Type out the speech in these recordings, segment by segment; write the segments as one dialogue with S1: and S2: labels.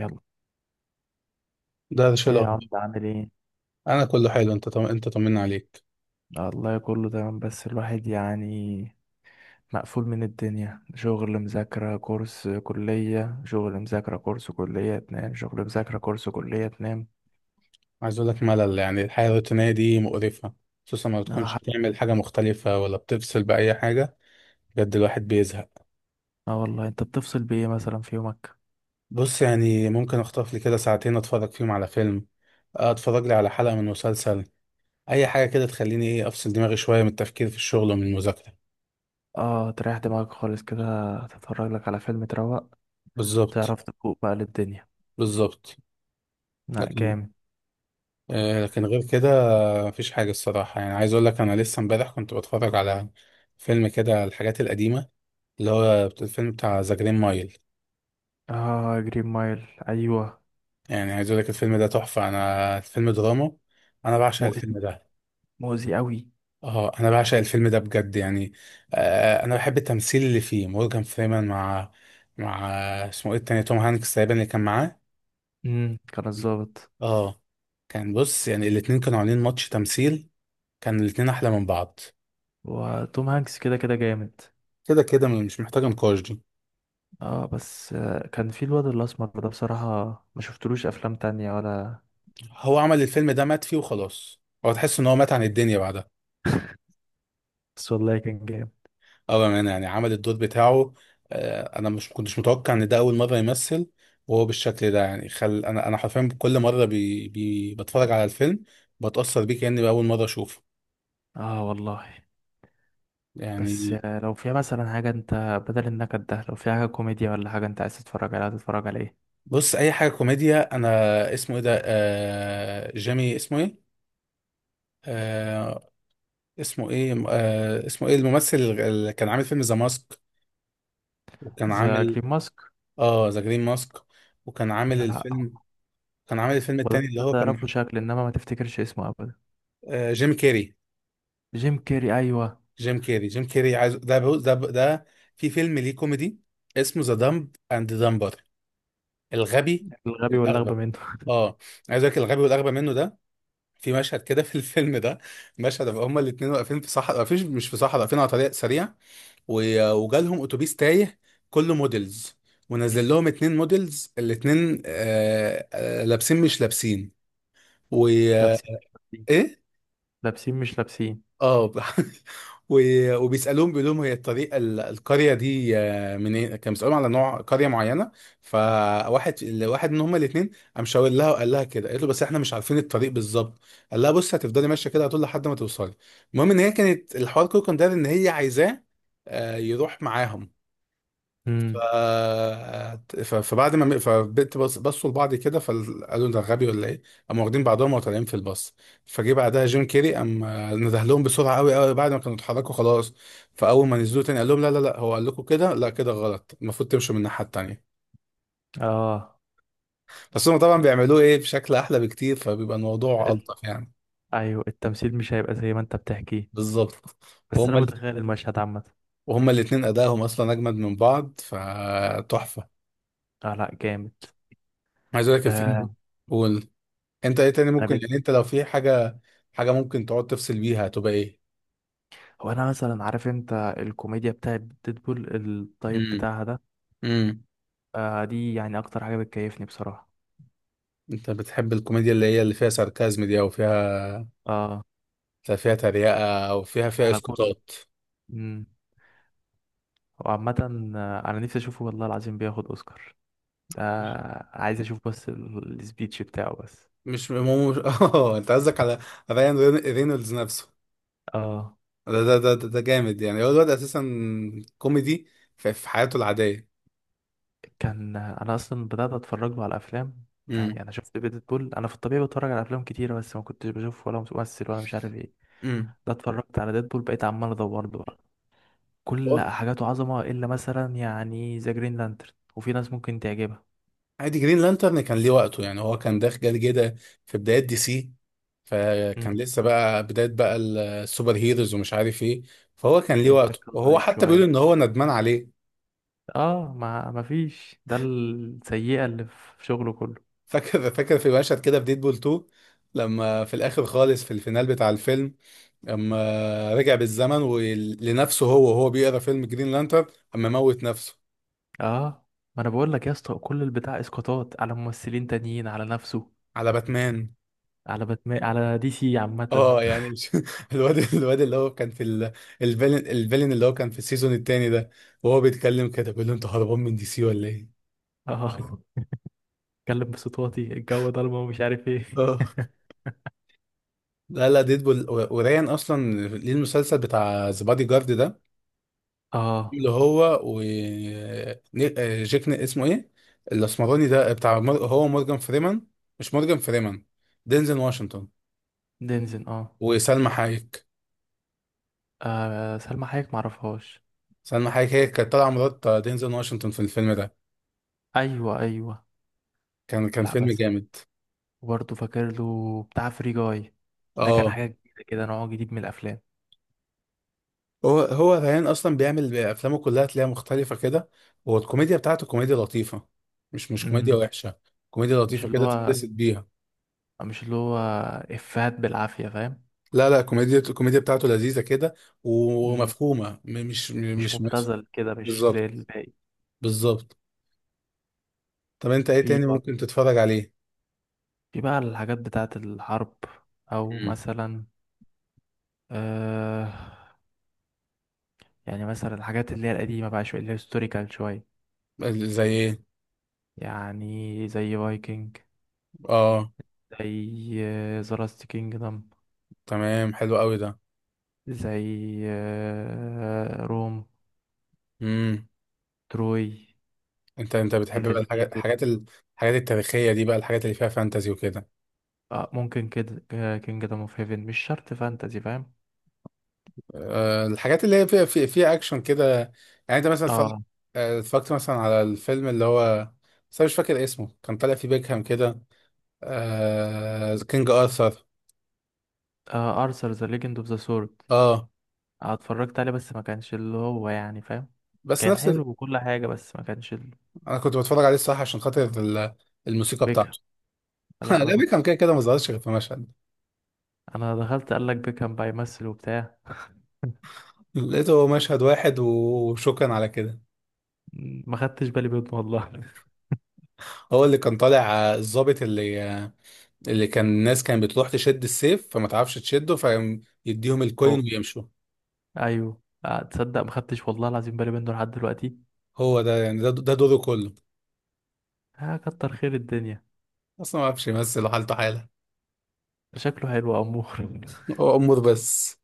S1: يلا.
S2: ده شيء
S1: ايه يا
S2: الاخبار.
S1: عم، عامل ايه؟
S2: انا كله حلو، انت طمنا عليك.
S1: الله، كله تمام، بس الواحد يعني مقفول من الدنيا: شغل، مذاكرة، كورس، كلية، شغل، مذاكرة، كورس، كلية، تنام، شغل، مذاكرة، كورس، كلية، تنام.
S2: عايز اقول لك ملل، يعني الحياه الروتينيه دي مقرفه، خصوصا ما
S1: اه
S2: بتكونش
S1: حق.
S2: بتعمل حاجه مختلفه ولا بتفصل باي حاجه. بجد الواحد بيزهق.
S1: آه والله، انت بتفصل بايه مثلا في يومك؟
S2: بص، يعني ممكن اخطف لي كده ساعتين اتفرج فيهم على فيلم، اتفرج لي على حلقه من مسلسل، اي حاجه كده تخليني ايه افصل دماغي شويه من التفكير في الشغل ومن المذاكره.
S1: اه، تريح دماغك خالص كده، تتفرج لك على فيلم، تروق،
S2: بالظبط.
S1: تعرف تفوق بقى للدنيا.
S2: بالظبط.
S1: لا
S2: لكن،
S1: جامد.
S2: آه لكن غير كده مفيش حاجه الصراحه. يعني عايز اقول لك انا لسه امبارح كنت بتفرج على فيلم كده، الحاجات القديمه، اللي هو الفيلم بتاع ذا جرين مايل.
S1: اه جرين مايل، ايوه.
S2: يعني عايز اقول لك الفيلم ده تحفة، انا الفيلم دراما، انا بعشق
S1: مؤذي،
S2: الفيلم ده.
S1: مؤذي قوي.
S2: اه انا بعشق الفيلم ده بجد يعني. آه انا بحب التمثيل اللي فيه مورجان فريمان مع مع اسمه ايه التاني، توم هانكس تقريبا اللي كان معاه.
S1: كان الظابط.
S2: اه كان، بص يعني الاتنين كانوا عاملين ماتش تمثيل، كان الاتنين احلى من بعض،
S1: وتوم هانكس كده كده جامد.
S2: كده كده مش محتاجة نقاش دي.
S1: اه بس كان في الواد الاسمر ده بصراحة، ما شفتلوش افلام تانية ولا؟
S2: هو عمل الفيلم ده مات فيه وخلاص، هو تحس ان هو مات عن الدنيا بعدها.
S1: بس والله كان جامد.
S2: اه بأمانة يعني عمل الدور بتاعه. انا مش كنتش متوقع ان ده اول مرة يمثل وهو بالشكل ده. يعني خل انا حرفيا كل مرة بتفرج على الفيلم بتأثر بيه كأني بأول مرة اشوفه
S1: اه والله. بس
S2: يعني.
S1: لو فيها مثلا حاجة انت، بدل النكد ده، لو فيها حاجة كوميديا ولا حاجة انت عايز تتفرج عليها، تتفرج على ايه؟
S2: بص اي حاجة كوميديا انا. اسمه ايه ده، جيمي اسمه ايه، آه... اسمه ايه، اسمه ايه الممثل اللي كان عامل فيلم ذا ماسك، وكان
S1: ذا
S2: عامل.
S1: جرين ماسك؟
S2: اه ذا جرين ماسك، وكان عامل
S1: لا.
S2: الفيلم، كان عامل الفيلم
S1: هو
S2: التاني
S1: ده
S2: اللي هو كان،
S1: تعرفه شكل انما ما تفتكرش اسمه ابدا.
S2: جيم كيري.
S1: جيم كيري، ايوه.
S2: جيم كيري عايز، ده بو... ده ب... ده في فيلم ليه كوميدي اسمه ذا دمب اند دمبر، الغبي
S1: الغبي واللغبة
S2: والاغبى.
S1: منه
S2: اه عايز اقول لك الغبي والاغبى منه ده، في مشهد كده في الفيلم ده، مشهد أبقى هما الاثنين واقفين في صحراء، واقفين مش في صحراء، واقفين على طريق سريع، وجالهم اتوبيس تايه كله موديلز، ونزل لهم اتنين موديلز، الاتنين لابسين مش لابسين و...
S1: لابسين مش لابسين.
S2: ايه
S1: لابسين مش لابسين.
S2: اه وبيسالوهم بيقول لهم هي الطريق، القريه دي، منين، كان بيسالوهم على نوع قريه معينه. فواحد، واحد من هما الاثنين قام شاور لها وقال لها كده، قالت له بس احنا مش عارفين الطريق بالظبط، قال لها بص هتفضلي ماشيه كده هتقول لحد ما توصلي. المهم ان هي كانت، الحوار كله كان داير ان هي عايزاه يروح معاهم. ف...
S1: امم.
S2: فبعد ما بصوا لبعض كده، فقالوا ده غبي ولا ايه، قاموا واخدين بعضهم وطالعين في الباص. فجه بعدها جيم كيري قام نده لهم بسرعه، قوي قوي، بعد ما كانوا اتحركوا خلاص، فاول ما نزلوا تاني قال لهم لا لا لا، هو قال لكم كده، لا كده غلط، المفروض تمشوا من الناحيه التانيه.
S1: اه
S2: بس هم طبعا
S1: لا.
S2: بيعملوه ايه بشكل احلى بكتير فبيبقى الموضوع
S1: ال...
S2: الطف يعني.
S1: ايوه، التمثيل مش هيبقى زي ما انت بتحكيه،
S2: بالظبط.
S1: بس
S2: وهم
S1: انا
S2: ال...
S1: متخيل المشهد عامة.
S2: وهم الاثنين ادائهم اصلا اجمد من بعض، فتحفه.
S1: اه لا جامد.
S2: عايز اقول لك
S1: آه.
S2: الفيلم. قول. انت ايه تاني
S1: انا
S2: ممكن،
S1: بيت.
S2: يعني انت لو في حاجه، حاجة ممكن تقعد تفصل بيها هتبقى ايه؟
S1: هو انا مثلا عارف انت الكوميديا بتاعت ديدبول الطيب
S2: امم.
S1: بتاعها ده.
S2: امم.
S1: آه دي يعني اكتر حاجه بتكيفني بصراحه.
S2: انت بتحب الكوميديا اللي هي اللي فيها ساركازم دي، او فيها،
S1: اه،
S2: فيها تريقة او فيها
S1: على كله.
S2: اسقاطات؟
S1: امم. وعامه، انا نفسي اشوفه، والله العظيم، بياخد اوسكار ده. عايز اشوف بس السبيتش بتاعه بس.
S2: مش اه انت قصدك على رايان رينولدز نفسه.
S1: اه،
S2: ده جامد يعني، هو الواد اساسا كوميدي في حياته العادية.
S1: كان انا اصلا بدات اتفرج له على افلام. يعني
S2: امم.
S1: انا شفت ديدبول، انا في الطبيعي بتفرج على افلام كتيره بس ما كنتش بشوف ولا ممثل ولا مش عارف ايه.
S2: امم.
S1: ده اتفرجت على ديدبول بقيت عمال ادور له. كل حاجاته عظمة إلا مثلا يعني ذا جرين لانترن، وفي ناس ممكن تعجبها.
S2: عادي، جرين لانترن كان ليه وقته، يعني هو كان داخل جاي كده في بدايات دي سي، فكان
S1: مم.
S2: لسه بقى بداية بقى السوبر هيروز ومش عارف ايه، فهو كان ليه
S1: الإنتاج
S2: وقته،
S1: كان
S2: وهو
S1: ضعيف
S2: حتى بيقول
S1: شوية.
S2: ان هو ندمان عليه.
S1: اه، ما فيش، ده السيئة اللي في شغله كله.
S2: فاكر في مشهد كده في ديدبول 2، لما في الاخر خالص في الفينال بتاع الفيلم، اما رجع بالزمن ولنفسه هو، وهو بيقرا فيلم جرين لانترن، اما موت نفسه.
S1: اه، ما انا بقول لك يا اسطى، كل البتاع اسقاطات على ممثلين تانيين، على نفسه،
S2: على باتمان.
S1: على باتمان، على دي سي عامة.
S2: اه يعني مش، الواد اللي هو كان في الفيلن اللي هو كان في السيزون التاني ده، وهو بيتكلم كده بيقول له انت هربان من دي سي ولا ايه؟
S1: اه اتكلم بصوت واطي، الجو ضلمة ومش عارف ايه.
S2: اه لا لا، ديدبول وريان اصلا ليه المسلسل بتاع ذا بادي جارد ده،
S1: اه.
S2: اللي هو و اسمه ايه الاسمراني ده، هو مورجان فريمان، مش مورجان فريمان، دينزل واشنطن.
S1: دينزن اه.
S2: وسلمى حايك.
S1: آه سلمى حايك معرفهاش.
S2: سلمى حايك هي كانت طالعه مرات دينزل واشنطن في الفيلم ده،
S1: ايوه ايوه.
S2: كان كان
S1: لا
S2: فيلم
S1: بس،
S2: جامد.
S1: وبرضه فاكر له بتاع فري جاي. ده كان
S2: اه
S1: حاجة جديدة كده، نوع جديد من الأفلام.
S2: هو ريان اصلا بيعمل افلامه كلها تلاقيها مختلفه كده، والكوميديا بتاعته كوميديا لطيفه، مش كوميديا
S1: مم.
S2: وحشه، كوميديا
S1: مش
S2: لطيفه
S1: اللي
S2: كده
S1: هو
S2: تندسك بيها.
S1: مش اللي هو إفيهات بالعافية، فاهم؟
S2: لا لا، كوميديا، الكوميديا بتاعته لذيذة كده،
S1: مم.
S2: ومفهومة م- مش م-
S1: مش
S2: مش مس
S1: مبتذل كده، مش زي
S2: بالظبط.
S1: الباقي.
S2: بالظبط. طب انت ايه
S1: في
S2: تاني
S1: بقى
S2: ممكن تتفرج عليه؟
S1: في بقى الحاجات بتاعة الحرب، أو
S2: مم.
S1: مثلا آه، يعني مثلا الحاجات اللي هي القديمة بقى شوية، اللي هي هيستوريكال شوية.
S2: زي ايه؟
S1: يعني زي فايكنج،
S2: اه
S1: زي ذا لاست كينجدم،
S2: تمام، حلو قوي ده.
S1: زي روم،
S2: امم.
S1: تروي،
S2: انت بتحب بقى
S1: جلاديتور.
S2: الحاجات التاريخية دي بقى، الحاجات اللي فيها فانتازي وكده؟
S1: آه ممكن كده، كينجدم اوف هيفن مش شرط فانتزي، فاهم.
S2: آه الحاجات اللي هي فيها فيها اكشن كده، يعني انت مثلا
S1: اه.
S2: اتفرجت مثلا على الفيلم اللي هو، بس انا مش فاكر اسمه، كان طالع فيه بيكهام كده، آه كينج ارثر.
S1: آه ارثر ذا ليجند اوف ذا سورد،
S2: اه
S1: اتفرجت عليه بس ما كانش اللي هو يعني، فاهم؟
S2: بس
S1: كان
S2: نفس،
S1: حلو وكل حاجة بس ما كانش
S2: انا كنت بتفرج عليه الصراحه عشان خاطر الموسيقى
S1: بيكهام.
S2: بتاعته.
S1: لا
S2: انا
S1: انا
S2: ليبي
S1: كنت،
S2: كان كده كده ما ظهرش غير في مشهد،
S1: انا دخلت قال لك بيكهام بقى يمثل وبتاع،
S2: لقيته هو مشهد واحد وشكرا على كده.
S1: ما خدتش بالي منه والله.
S2: هو اللي كان طالع، الضابط اللي اللي كان الناس كانت بتروح تشد السيف فما تعرفش تشده، فيديهم الكوين
S1: هو،
S2: ويمشوا.
S1: ايوه تصدق ما خدتش والله العظيم بالي منه لحد دلوقتي.
S2: هو ده يعني، ده دوره كله،
S1: اه كتر خير الدنيا.
S2: اصلا ما عرفش يمثل وحالته حاله.
S1: شكله حلو امور
S2: هو امور بس.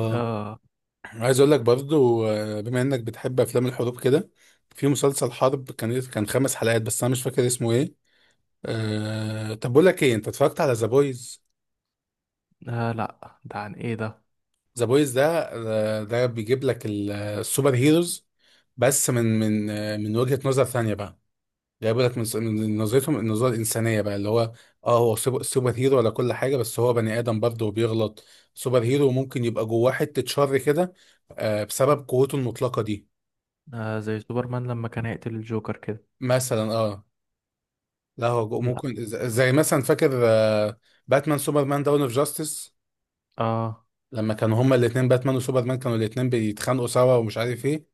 S1: آه.
S2: عايز اقول لك برضو، بما انك بتحب افلام الحروب كده، في مسلسل حرب كان، كان خمس حلقات بس انا مش فاكر اسمه ايه. طب بقول لك ايه، انت اتفرجت على ذا بويز؟
S1: اه لا، ده عن ايه ده؟
S2: ذا بويز ده، ده بيجيب لك السوبر هيروز، بس من وجهة نظر ثانية بقى، جايب لك من من نظرتهم النظرة الإنسانية بقى، اللي هو اه هو سوبر هيرو ولا كل حاجة، بس هو بني آدم برضه وبيغلط، سوبر هيرو ممكن يبقى جواه حتة شر كده، بسبب قوته المطلقة دي.
S1: آه زي سوبرمان لما كان هيقتل الجوكر كده.
S2: مثلا اه. لا هو ممكن زي مثلا، فاكر، باتمان سوبرمان داون اوف جاستس،
S1: اه.
S2: لما كانوا هما الاتنين باتمان وسوبرمان كانوا الاتنين بيتخانقوا سوا ومش عارف ايه،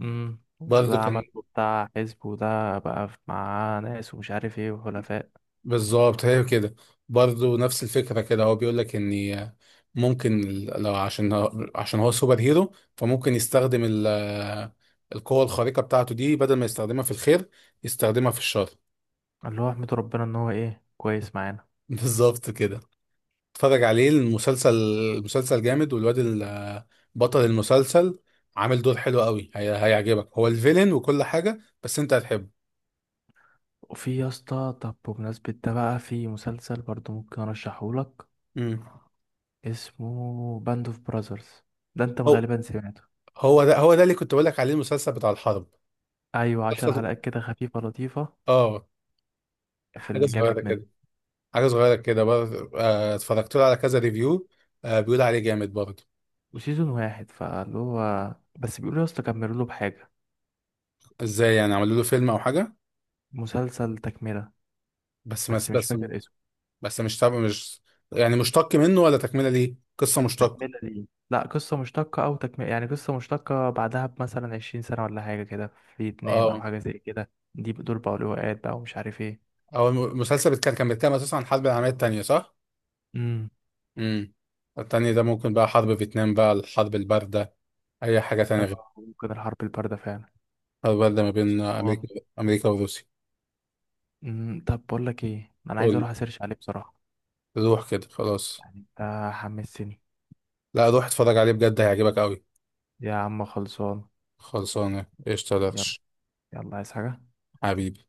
S1: امم، ده
S2: برضه كان.
S1: عمل بتاع حزب وده بقى مع ناس ومش عارف ايه وحلفاء.
S2: بالظبط هي كده. برضه نفس الفكرة كده، هو بيقول لك ان ممكن لو عشان عشان هو سوبر هيرو، فممكن يستخدم القوة الخارقة بتاعته دي بدل ما يستخدمها في الخير، يستخدمها في الشر.
S1: اللي هو احمد ربنا ان هو ايه، كويس معانا.
S2: بالظبط كده. اتفرج عليه المسلسل، المسلسل جامد، بطل المسلسل عامل دور حلو قوي، هيعجبك هو الفيلن وكل حاجة بس انت هتحبه.
S1: وفي يا اسطى، طب بمناسبة ده بقى، في مسلسل برضو ممكن ارشحهولك.
S2: مم.
S1: اسمه باند اوف براذرز، ده انت غالبا سمعته.
S2: هو ده اللي كنت بقول لك عليه، المسلسل بتاع الحرب.
S1: ايوه، عشر
S2: مسلسل-
S1: حلقات كده خفيفة لطيفة،
S2: اه،
S1: في
S2: حاجه صغيره
S1: الجامد منه.
S2: كده، حاجه صغيره كده برضه، اتفرجت له على كذا ريفيو، بيقول عليه جامد برضه.
S1: وسيزون واحد، فاللي هو بس بيقولوا يا اسطى كملوا له بحاجة.
S2: ازاي يعني، عملوا له فيلم او حاجه؟
S1: مسلسل تكملة،
S2: بس بس
S1: بس مش
S2: بس
S1: فاكر اسمه.
S2: بس مش تابع، مش يعني مشتق منه، ولا تكمله ليه قصه مشتقه؟
S1: تكملة ليه؟ لا، قصة مشتقة أو تكملة، يعني قصة مشتقة بعدها بمثلا 20 سنة ولا حاجة كده، في فيتنام أو
S2: اه
S1: حاجة زي كده، دي دول بقوا لواءات بقى ومش عارف ايه.
S2: هو المسلسل بيتكلم، كان بيتكلم اساسا عن الحرب العالميه الثانيه صح؟
S1: امم.
S2: امم. الثانيه ده ممكن بقى حرب فيتنام بقى، الحرب البارده، اي حاجه تانية
S1: ده
S2: غير.
S1: ممكن الحرب الباردة فعلا.
S2: الحرب البارده ما بين
S1: الصومال.
S2: امريكا، امريكا وروسيا.
S1: امم. طب بقول لك ايه، أنا عايز
S2: قول.
S1: أروح أسيرش عليه بصراحة.
S2: روح كده خلاص.
S1: يعني أنت حمسني.
S2: لا روح اتفرج عليه بجد هيعجبك قوي.
S1: يا عم خلصان.
S2: خلصانه قشطه يا
S1: يلا.
S2: درش.
S1: يلا، عايز حاجة؟
S2: حبيبي.